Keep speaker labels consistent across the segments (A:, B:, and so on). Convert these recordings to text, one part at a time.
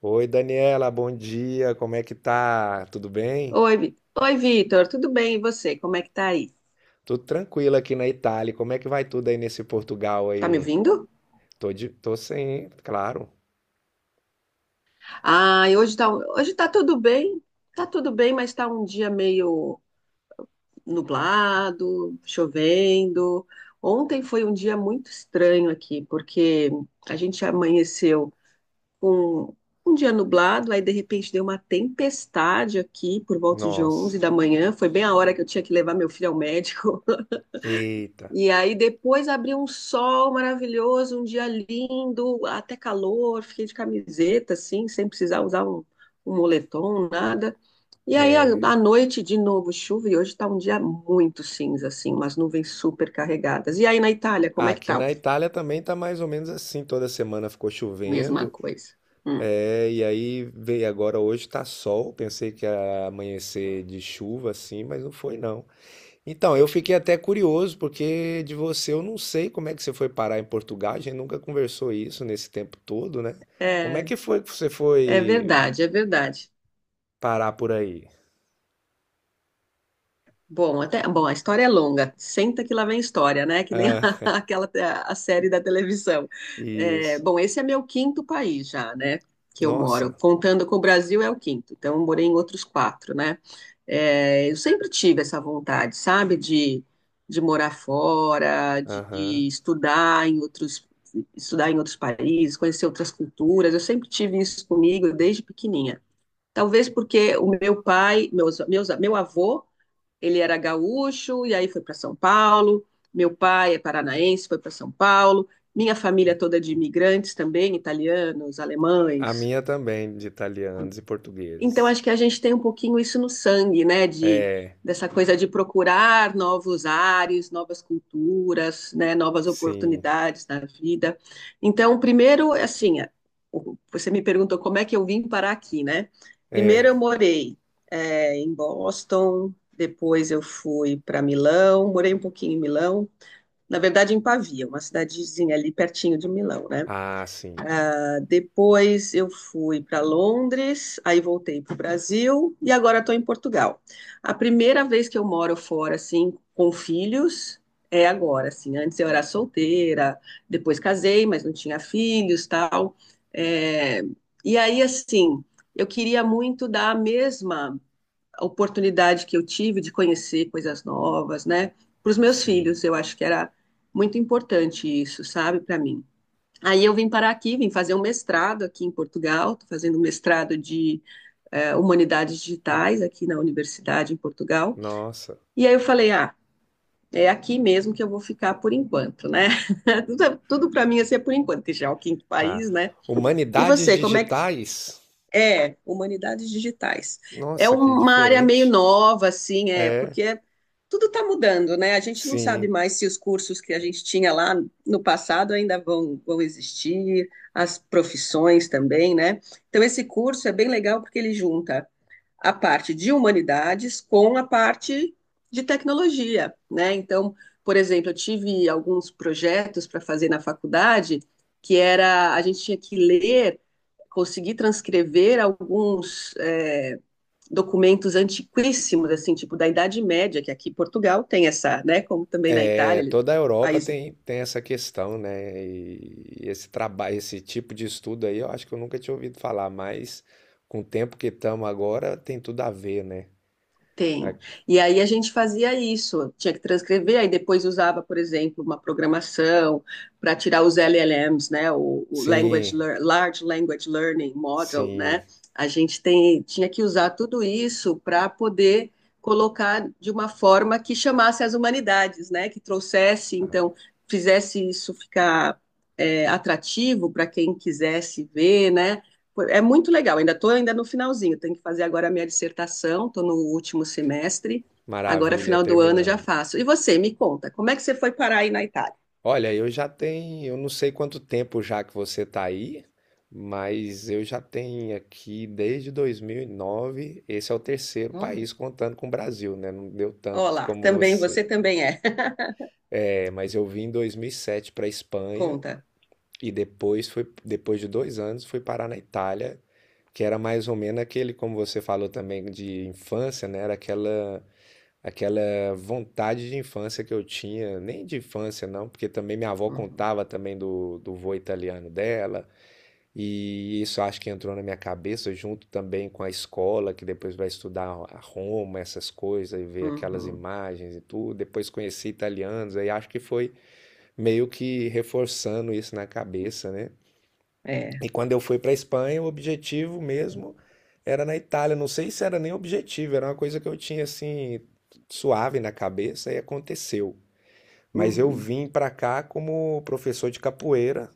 A: Oi, Daniela, bom dia. Como é que tá? Tudo bem?
B: Oi, Vitor, tudo bem? E você? Como é que tá aí?
A: Tudo tranquilo aqui na Itália. Como é que vai tudo aí nesse Portugal
B: Tá me
A: aí?
B: ouvindo?
A: Tô sem, claro.
B: Ah, e hoje tá tudo bem, mas tá um dia meio nublado, chovendo. Ontem foi um dia muito estranho aqui, porque a gente amanheceu com um dia nublado, aí de repente deu uma tempestade aqui por volta de 11
A: Nossa.
B: da manhã, foi bem a hora que eu tinha que levar meu filho ao médico.
A: Eita.
B: E aí depois abriu um sol maravilhoso, um dia lindo, até calor, fiquei de camiseta, assim, sem precisar usar um moletom, nada. E aí
A: É.
B: à noite, de novo, chuva, e hoje está um dia muito cinza, assim, umas nuvens super carregadas. E aí na Itália, como
A: Ah,
B: é que
A: aqui
B: tá?
A: na Itália também tá mais ou menos assim. Toda semana ficou
B: Mesma
A: chovendo.
B: coisa. Hum.
A: É, e aí veio agora hoje tá sol. Pensei que ia amanhecer de chuva assim, mas não foi não. Então, eu fiquei até curioso, porque de você eu não sei como é que você foi parar em Portugal, a gente nunca conversou isso nesse tempo todo, né? Como é
B: É,
A: que foi que você
B: é
A: foi
B: verdade, é verdade.
A: parar por aí?
B: Bom, a história é longa. Senta que lá vem história, né? Que nem
A: Ah,
B: aquela a série da televisão. É,
A: isso.
B: bom, esse é meu quinto país já, né? Que eu moro.
A: Nossa,
B: Contando com o Brasil é o quinto. Então, eu morei em outros quatro, né? É, eu sempre tive essa vontade, sabe? De morar fora, de,
A: aham.
B: de estudar em outros países, conhecer outras culturas. Eu sempre tive isso comigo desde pequenininha. Talvez porque o meu pai, meu avô ele era gaúcho e aí foi para São Paulo. Meu pai é paranaense, foi para São Paulo. Minha família toda é de imigrantes também, italianos,
A: A
B: alemães,
A: minha também, de italianos e
B: então,
A: portugueses.
B: acho que a gente tem um pouquinho isso no sangue, né? De,
A: É,
B: dessa coisa de procurar novos ares, novas culturas, né? Novas
A: sim,
B: oportunidades na vida. Então, primeiro, assim, você me perguntou como é que eu vim parar aqui, né?
A: é.
B: Primeiro, eu morei em Boston, depois eu fui para Milão, morei um pouquinho em Milão, na verdade, em Pavia, uma cidadezinha ali pertinho de Milão, né?
A: Ah, sim,
B: Depois eu fui para Londres, aí voltei para o Brasil e agora estou em Portugal. A primeira vez que eu moro fora, assim, com filhos, é agora, assim. Antes eu era solteira, depois casei, mas não tinha filhos, tal. É. E aí, assim, eu queria muito dar a mesma oportunidade que eu tive de conhecer coisas novas, né? Para os meus
A: sim.
B: filhos, eu acho que era muito importante isso, sabe, para mim. Aí eu vim parar aqui, vim fazer um mestrado aqui em Portugal, estou fazendo um mestrado de humanidades digitais aqui na universidade em Portugal.
A: Nossa.
B: E aí eu falei, ah, é aqui mesmo que eu vou ficar por enquanto, né? Tudo para mim assim é por enquanto, que já é o quinto
A: Ah,
B: país, né? E
A: humanidades
B: você, como é que
A: digitais?
B: é, humanidades digitais. É
A: Nossa, que
B: uma área meio
A: diferente.
B: nova, assim,
A: É,
B: porque tudo está mudando, né? A gente não sabe
A: sim.
B: mais se os cursos que a gente tinha lá no passado ainda vão existir, as profissões também, né? Então, esse curso é bem legal porque ele junta a parte de humanidades com a parte de tecnologia, né? Então, por exemplo, eu tive alguns projetos para fazer na faculdade que era a gente tinha que ler, conseguir transcrever alguns documentos antiquíssimos, assim, tipo da Idade Média, que aqui em Portugal tem essa, né? Como também na
A: É,
B: Itália,
A: toda a Europa
B: país
A: tem, tem essa questão, né? E esse trabalho, esse tipo de estudo aí, eu acho que eu nunca tinha ouvido falar, mas com o tempo que estamos agora, tem tudo a ver, né? A-
B: Tem. E aí a gente fazia isso, tinha que transcrever, aí depois usava, por exemplo, uma programação para tirar os LLMs, né, o
A: Sim,
B: Large Language Learning Model,
A: sim,
B: né? A gente tem, tinha que usar tudo isso para poder colocar de uma forma que chamasse as humanidades, né, que trouxesse, então, fizesse isso ficar atrativo para quem quisesse ver, né? É muito legal, ainda estou ainda no finalzinho, tenho que fazer agora a minha dissertação, estou no último semestre, agora
A: maravilha,
B: final do ano eu já
A: terminando.
B: faço. E você, me conta, como é que você foi parar aí na Itália?
A: Olha, eu já tenho, eu não sei quanto tempo já que você tá aí, mas eu já tenho aqui desde 2009, esse é o terceiro
B: Olha,
A: país contando com o Brasil, né? Não deu tanto
B: olá,
A: como
B: também,
A: você.
B: você também é.
A: É, mas eu vim em 2007 para Espanha.
B: Conta.
A: E depois foi, depois de dois anos, fui parar na Itália, que era mais ou menos aquele, como você falou também, de infância, né? Era aquela vontade de infância que eu tinha, nem de infância não, porque também minha avó
B: Uhum,
A: contava também do vô italiano dela, e isso acho que entrou na minha cabeça, junto também com a escola, que depois vai estudar a Roma, essas coisas, e ver aquelas
B: uhum,
A: imagens e tudo. Depois conheci italianos, aí acho que foi meio que reforçando isso na cabeça, né?
B: é.
A: E quando eu fui para a Espanha, o objetivo mesmo era na Itália. Não sei se era nem objetivo, era uma coisa que eu tinha assim suave na cabeça e aconteceu. Mas eu
B: Uhum.
A: vim para cá como professor de capoeira.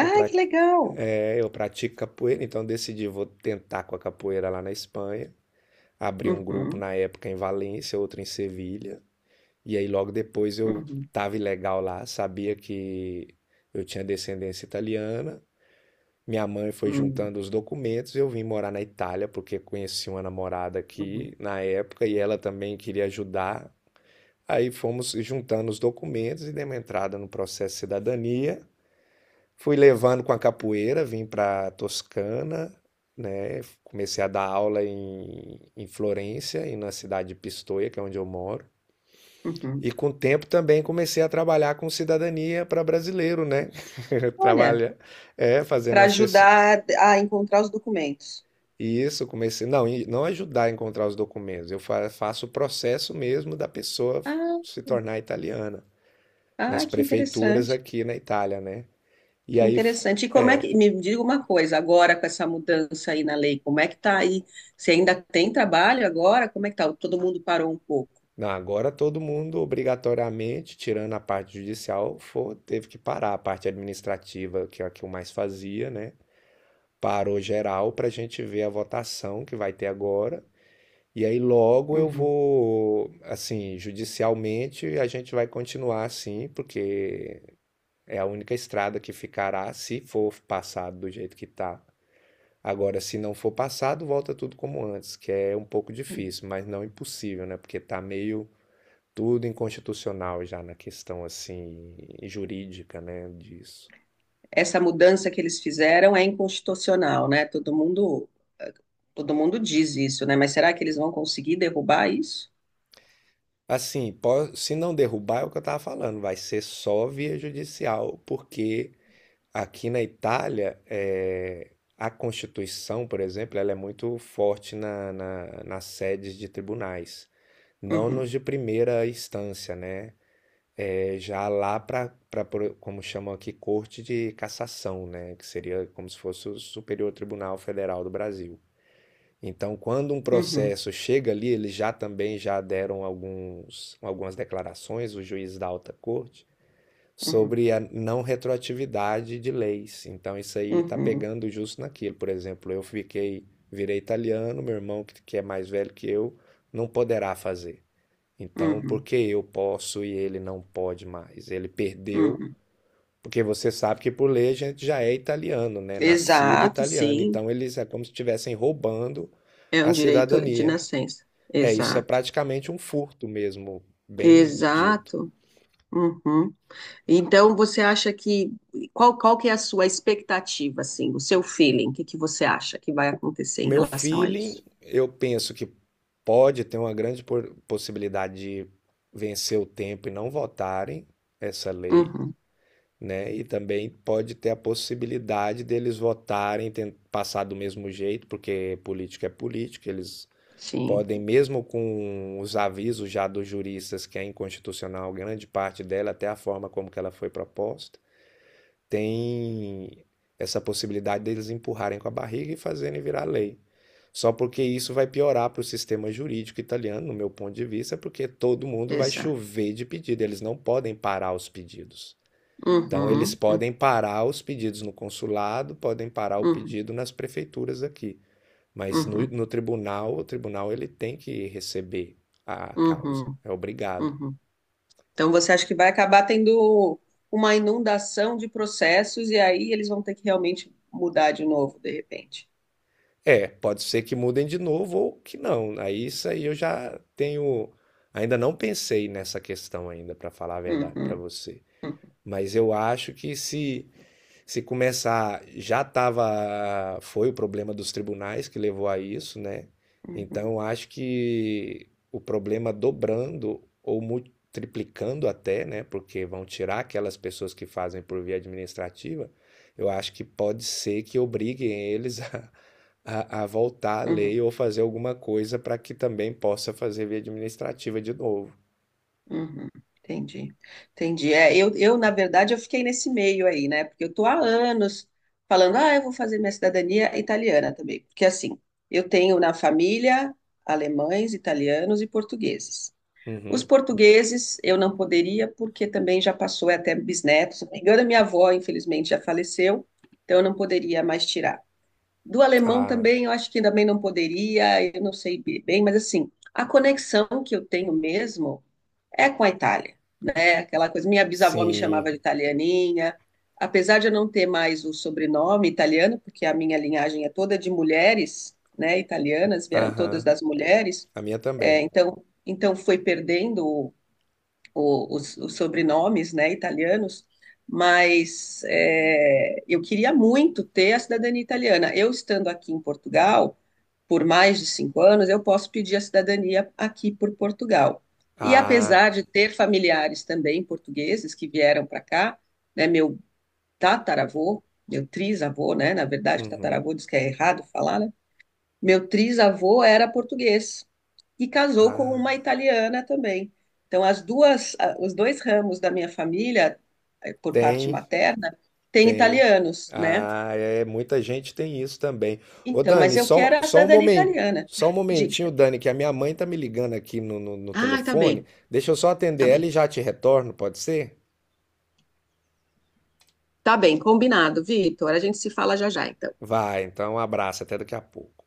A: Eu, pra,
B: que legal.
A: eu pratico capoeira, então eu decidi vou tentar com a capoeira lá na Espanha. Abri um grupo
B: Uhum,
A: na época em Valência, outro em Sevilha. E aí logo depois eu
B: uhum,
A: estava ilegal lá, sabia que eu tinha descendência italiana minha mãe foi
B: uhum,
A: juntando os documentos, eu vim morar na Itália porque conheci uma namorada
B: uhum,
A: aqui na época e ela também queria ajudar. Aí fomos juntando os documentos e demos entrada no processo de cidadania. Fui levando com a capoeira, vim para Toscana, né? Comecei a dar aula em Florença e na cidade de Pistoia, que é onde eu moro.
B: uhum.
A: E com o tempo também comecei a trabalhar com cidadania para brasileiro, né?
B: Olha,
A: Trabalha, é, fazendo
B: para
A: assess-
B: ajudar a encontrar os documentos.
A: E isso, comecei. Não, e não ajudar a encontrar os documentos. Eu faço o processo mesmo da pessoa
B: Ah,
A: se tornar italiana,
B: ah,
A: nas
B: que
A: prefeituras
B: interessante.
A: aqui na Itália, né? E
B: Que
A: aí, f-
B: interessante. E como é que, me diga uma coisa, agora com essa mudança aí na lei, como é que tá aí? Você ainda tem trabalho agora? Como é que tá? Todo mundo parou um pouco.
A: não, agora todo mundo, obrigatoriamente, tirando a parte judicial, teve que parar a parte administrativa, que é a que eu mais fazia, né? Parou geral para a gente ver a votação que vai ter agora. E aí logo eu
B: Uhum.
A: vou, assim, judicialmente a gente vai continuar assim, porque é a única estrada que ficará se for passado do jeito que está. Agora, se não for passado, volta tudo como antes, que é um pouco difícil, mas não impossível, né? Porque está meio tudo inconstitucional já na questão assim jurídica, né, disso.
B: Essa mudança que eles fizeram é inconstitucional, né? Todo mundo diz isso, né? Mas será que eles vão conseguir derrubar isso?
A: Assim, se não derrubar é o que eu estava falando, vai ser só via judicial, porque aqui na Itália, a Constituição, por exemplo, ela é muito forte nas sedes de tribunais, não
B: Uhum,
A: nos de primeira instância, né? Já lá para, como chamam aqui, Corte de Cassação, né? Que seria como se fosse o Superior Tribunal Federal do Brasil. Então, quando um
B: uhum,
A: processo chega ali, eles já também já deram alguns, algumas declarações, o juiz da alta corte,
B: uhum,
A: sobre a não retroatividade de leis. Então isso aí está
B: uhum,
A: pegando justo naquilo. Por exemplo, eu fiquei, virei italiano, meu irmão que, é mais velho que eu não poderá fazer. Então, por
B: uhum,
A: que eu posso e ele não pode mais? Ele perdeu,
B: uhum.
A: porque você sabe que por lei a gente já é italiano, né? Nascido
B: Exato,
A: italiano.
B: sim.
A: Então eles é como se estivessem roubando
B: É um
A: a
B: direito de
A: cidadania.
B: nascença.
A: É isso, é
B: Exato.
A: praticamente um furto mesmo, bem dito.
B: Exato. Uhum. Então, você acha que qual que é a sua expectativa, assim, o seu feeling? O que que você acha que vai acontecer
A: O
B: em
A: meu
B: relação a
A: feeling,
B: isso?
A: eu penso que pode ter uma grande possibilidade de vencer o tempo e não votarem essa lei,
B: Uhum,
A: né? E também pode ter a possibilidade deles votarem, passar do mesmo jeito, porque política é política, eles
B: sim,
A: podem, mesmo com os avisos já dos juristas que é inconstitucional, grande parte dela, até a forma como que ela foi proposta tem essa possibilidade deles empurrarem com a barriga e fazerem virar lei. Só porque isso vai piorar para o sistema jurídico italiano, no meu ponto de vista, porque todo mundo vai
B: exato.
A: chover de pedido, eles não podem parar os pedidos. Então, eles
B: Uhum, uhum,
A: podem parar os pedidos no consulado, podem parar o
B: uhum,
A: pedido nas prefeituras aqui. Mas no,
B: uhum,
A: no tribunal, o tribunal ele tem que receber a causa,
B: uhum,
A: é obrigado.
B: uhum. Então, você acha que vai acabar tendo uma inundação de processos e aí eles vão ter que realmente mudar de novo, de repente?
A: É, pode ser que mudem de novo ou que não. Aí isso aí eu já tenho, ainda não pensei nessa questão ainda, para falar a verdade para
B: Uhum,
A: você.
B: uhum,
A: Mas eu acho que se começar, já estava. Foi o problema dos tribunais que levou a isso, né?
B: uhum,
A: Então, acho que o problema dobrando ou triplicando até, né? Porque vão tirar aquelas pessoas que fazem por via administrativa. Eu acho que pode ser que obriguem eles a voltar à
B: uhum.
A: lei ou fazer alguma coisa para que também possa fazer via administrativa de novo.
B: Uhum, entendi, entendi. É, na verdade, eu fiquei nesse meio aí, né? Porque eu tô há anos falando, ah, eu vou fazer minha cidadania italiana também. Porque, assim, eu tenho na família alemães, italianos e portugueses. Os
A: Uhum.
B: portugueses eu não poderia, porque também já passou, é até bisneto. Se não me engano, a minha avó, infelizmente, já faleceu, então eu não poderia mais tirar. Do alemão
A: Ah,
B: também, eu acho que também não poderia, eu não sei bem, mas, assim, a conexão que eu tenho mesmo é com a Itália aquela coisa. Minha bisavó me
A: sim.
B: chamava de italianinha, apesar de eu não ter mais o sobrenome italiano, porque a minha linhagem é toda de mulheres, né, italianas, vieram todas
A: Aham.
B: das mulheres,
A: A minha
B: é,
A: também.
B: então, então foi perdendo o- os sobrenomes, né, italianos, mas eu queria muito ter a cidadania italiana. Eu estando aqui em Portugal, por mais de 5 anos, eu posso pedir a cidadania aqui por Portugal. E
A: Ah.
B: apesar de ter familiares também portugueses que vieram para cá, né, meu tataravô, meu trisavô, né, na verdade,
A: Uhum.
B: tataravô diz que é errado falar, né? Meu trisavô era português e casou com uma
A: Ah,
B: italiana também. Então, os dois ramos da minha família, por parte
A: tem,
B: materna, têm
A: tem.
B: italianos, né?
A: Ah, é, muita gente tem isso também. Ô
B: Então, mas
A: Dani,
B: eu
A: só,
B: quero a
A: só um
B: cidadania
A: momento,
B: italiana.
A: só um
B: Diga.
A: momentinho, Dani, que a minha mãe tá me ligando aqui no
B: Ah, tá
A: telefone.
B: bem.
A: Deixa eu só atender
B: Tá
A: ela
B: bem.
A: e já te retorno, pode ser?
B: Tá bem, combinado, Vitor. A gente se fala já já, então.
A: Vai, então um abraço, até daqui a pouco.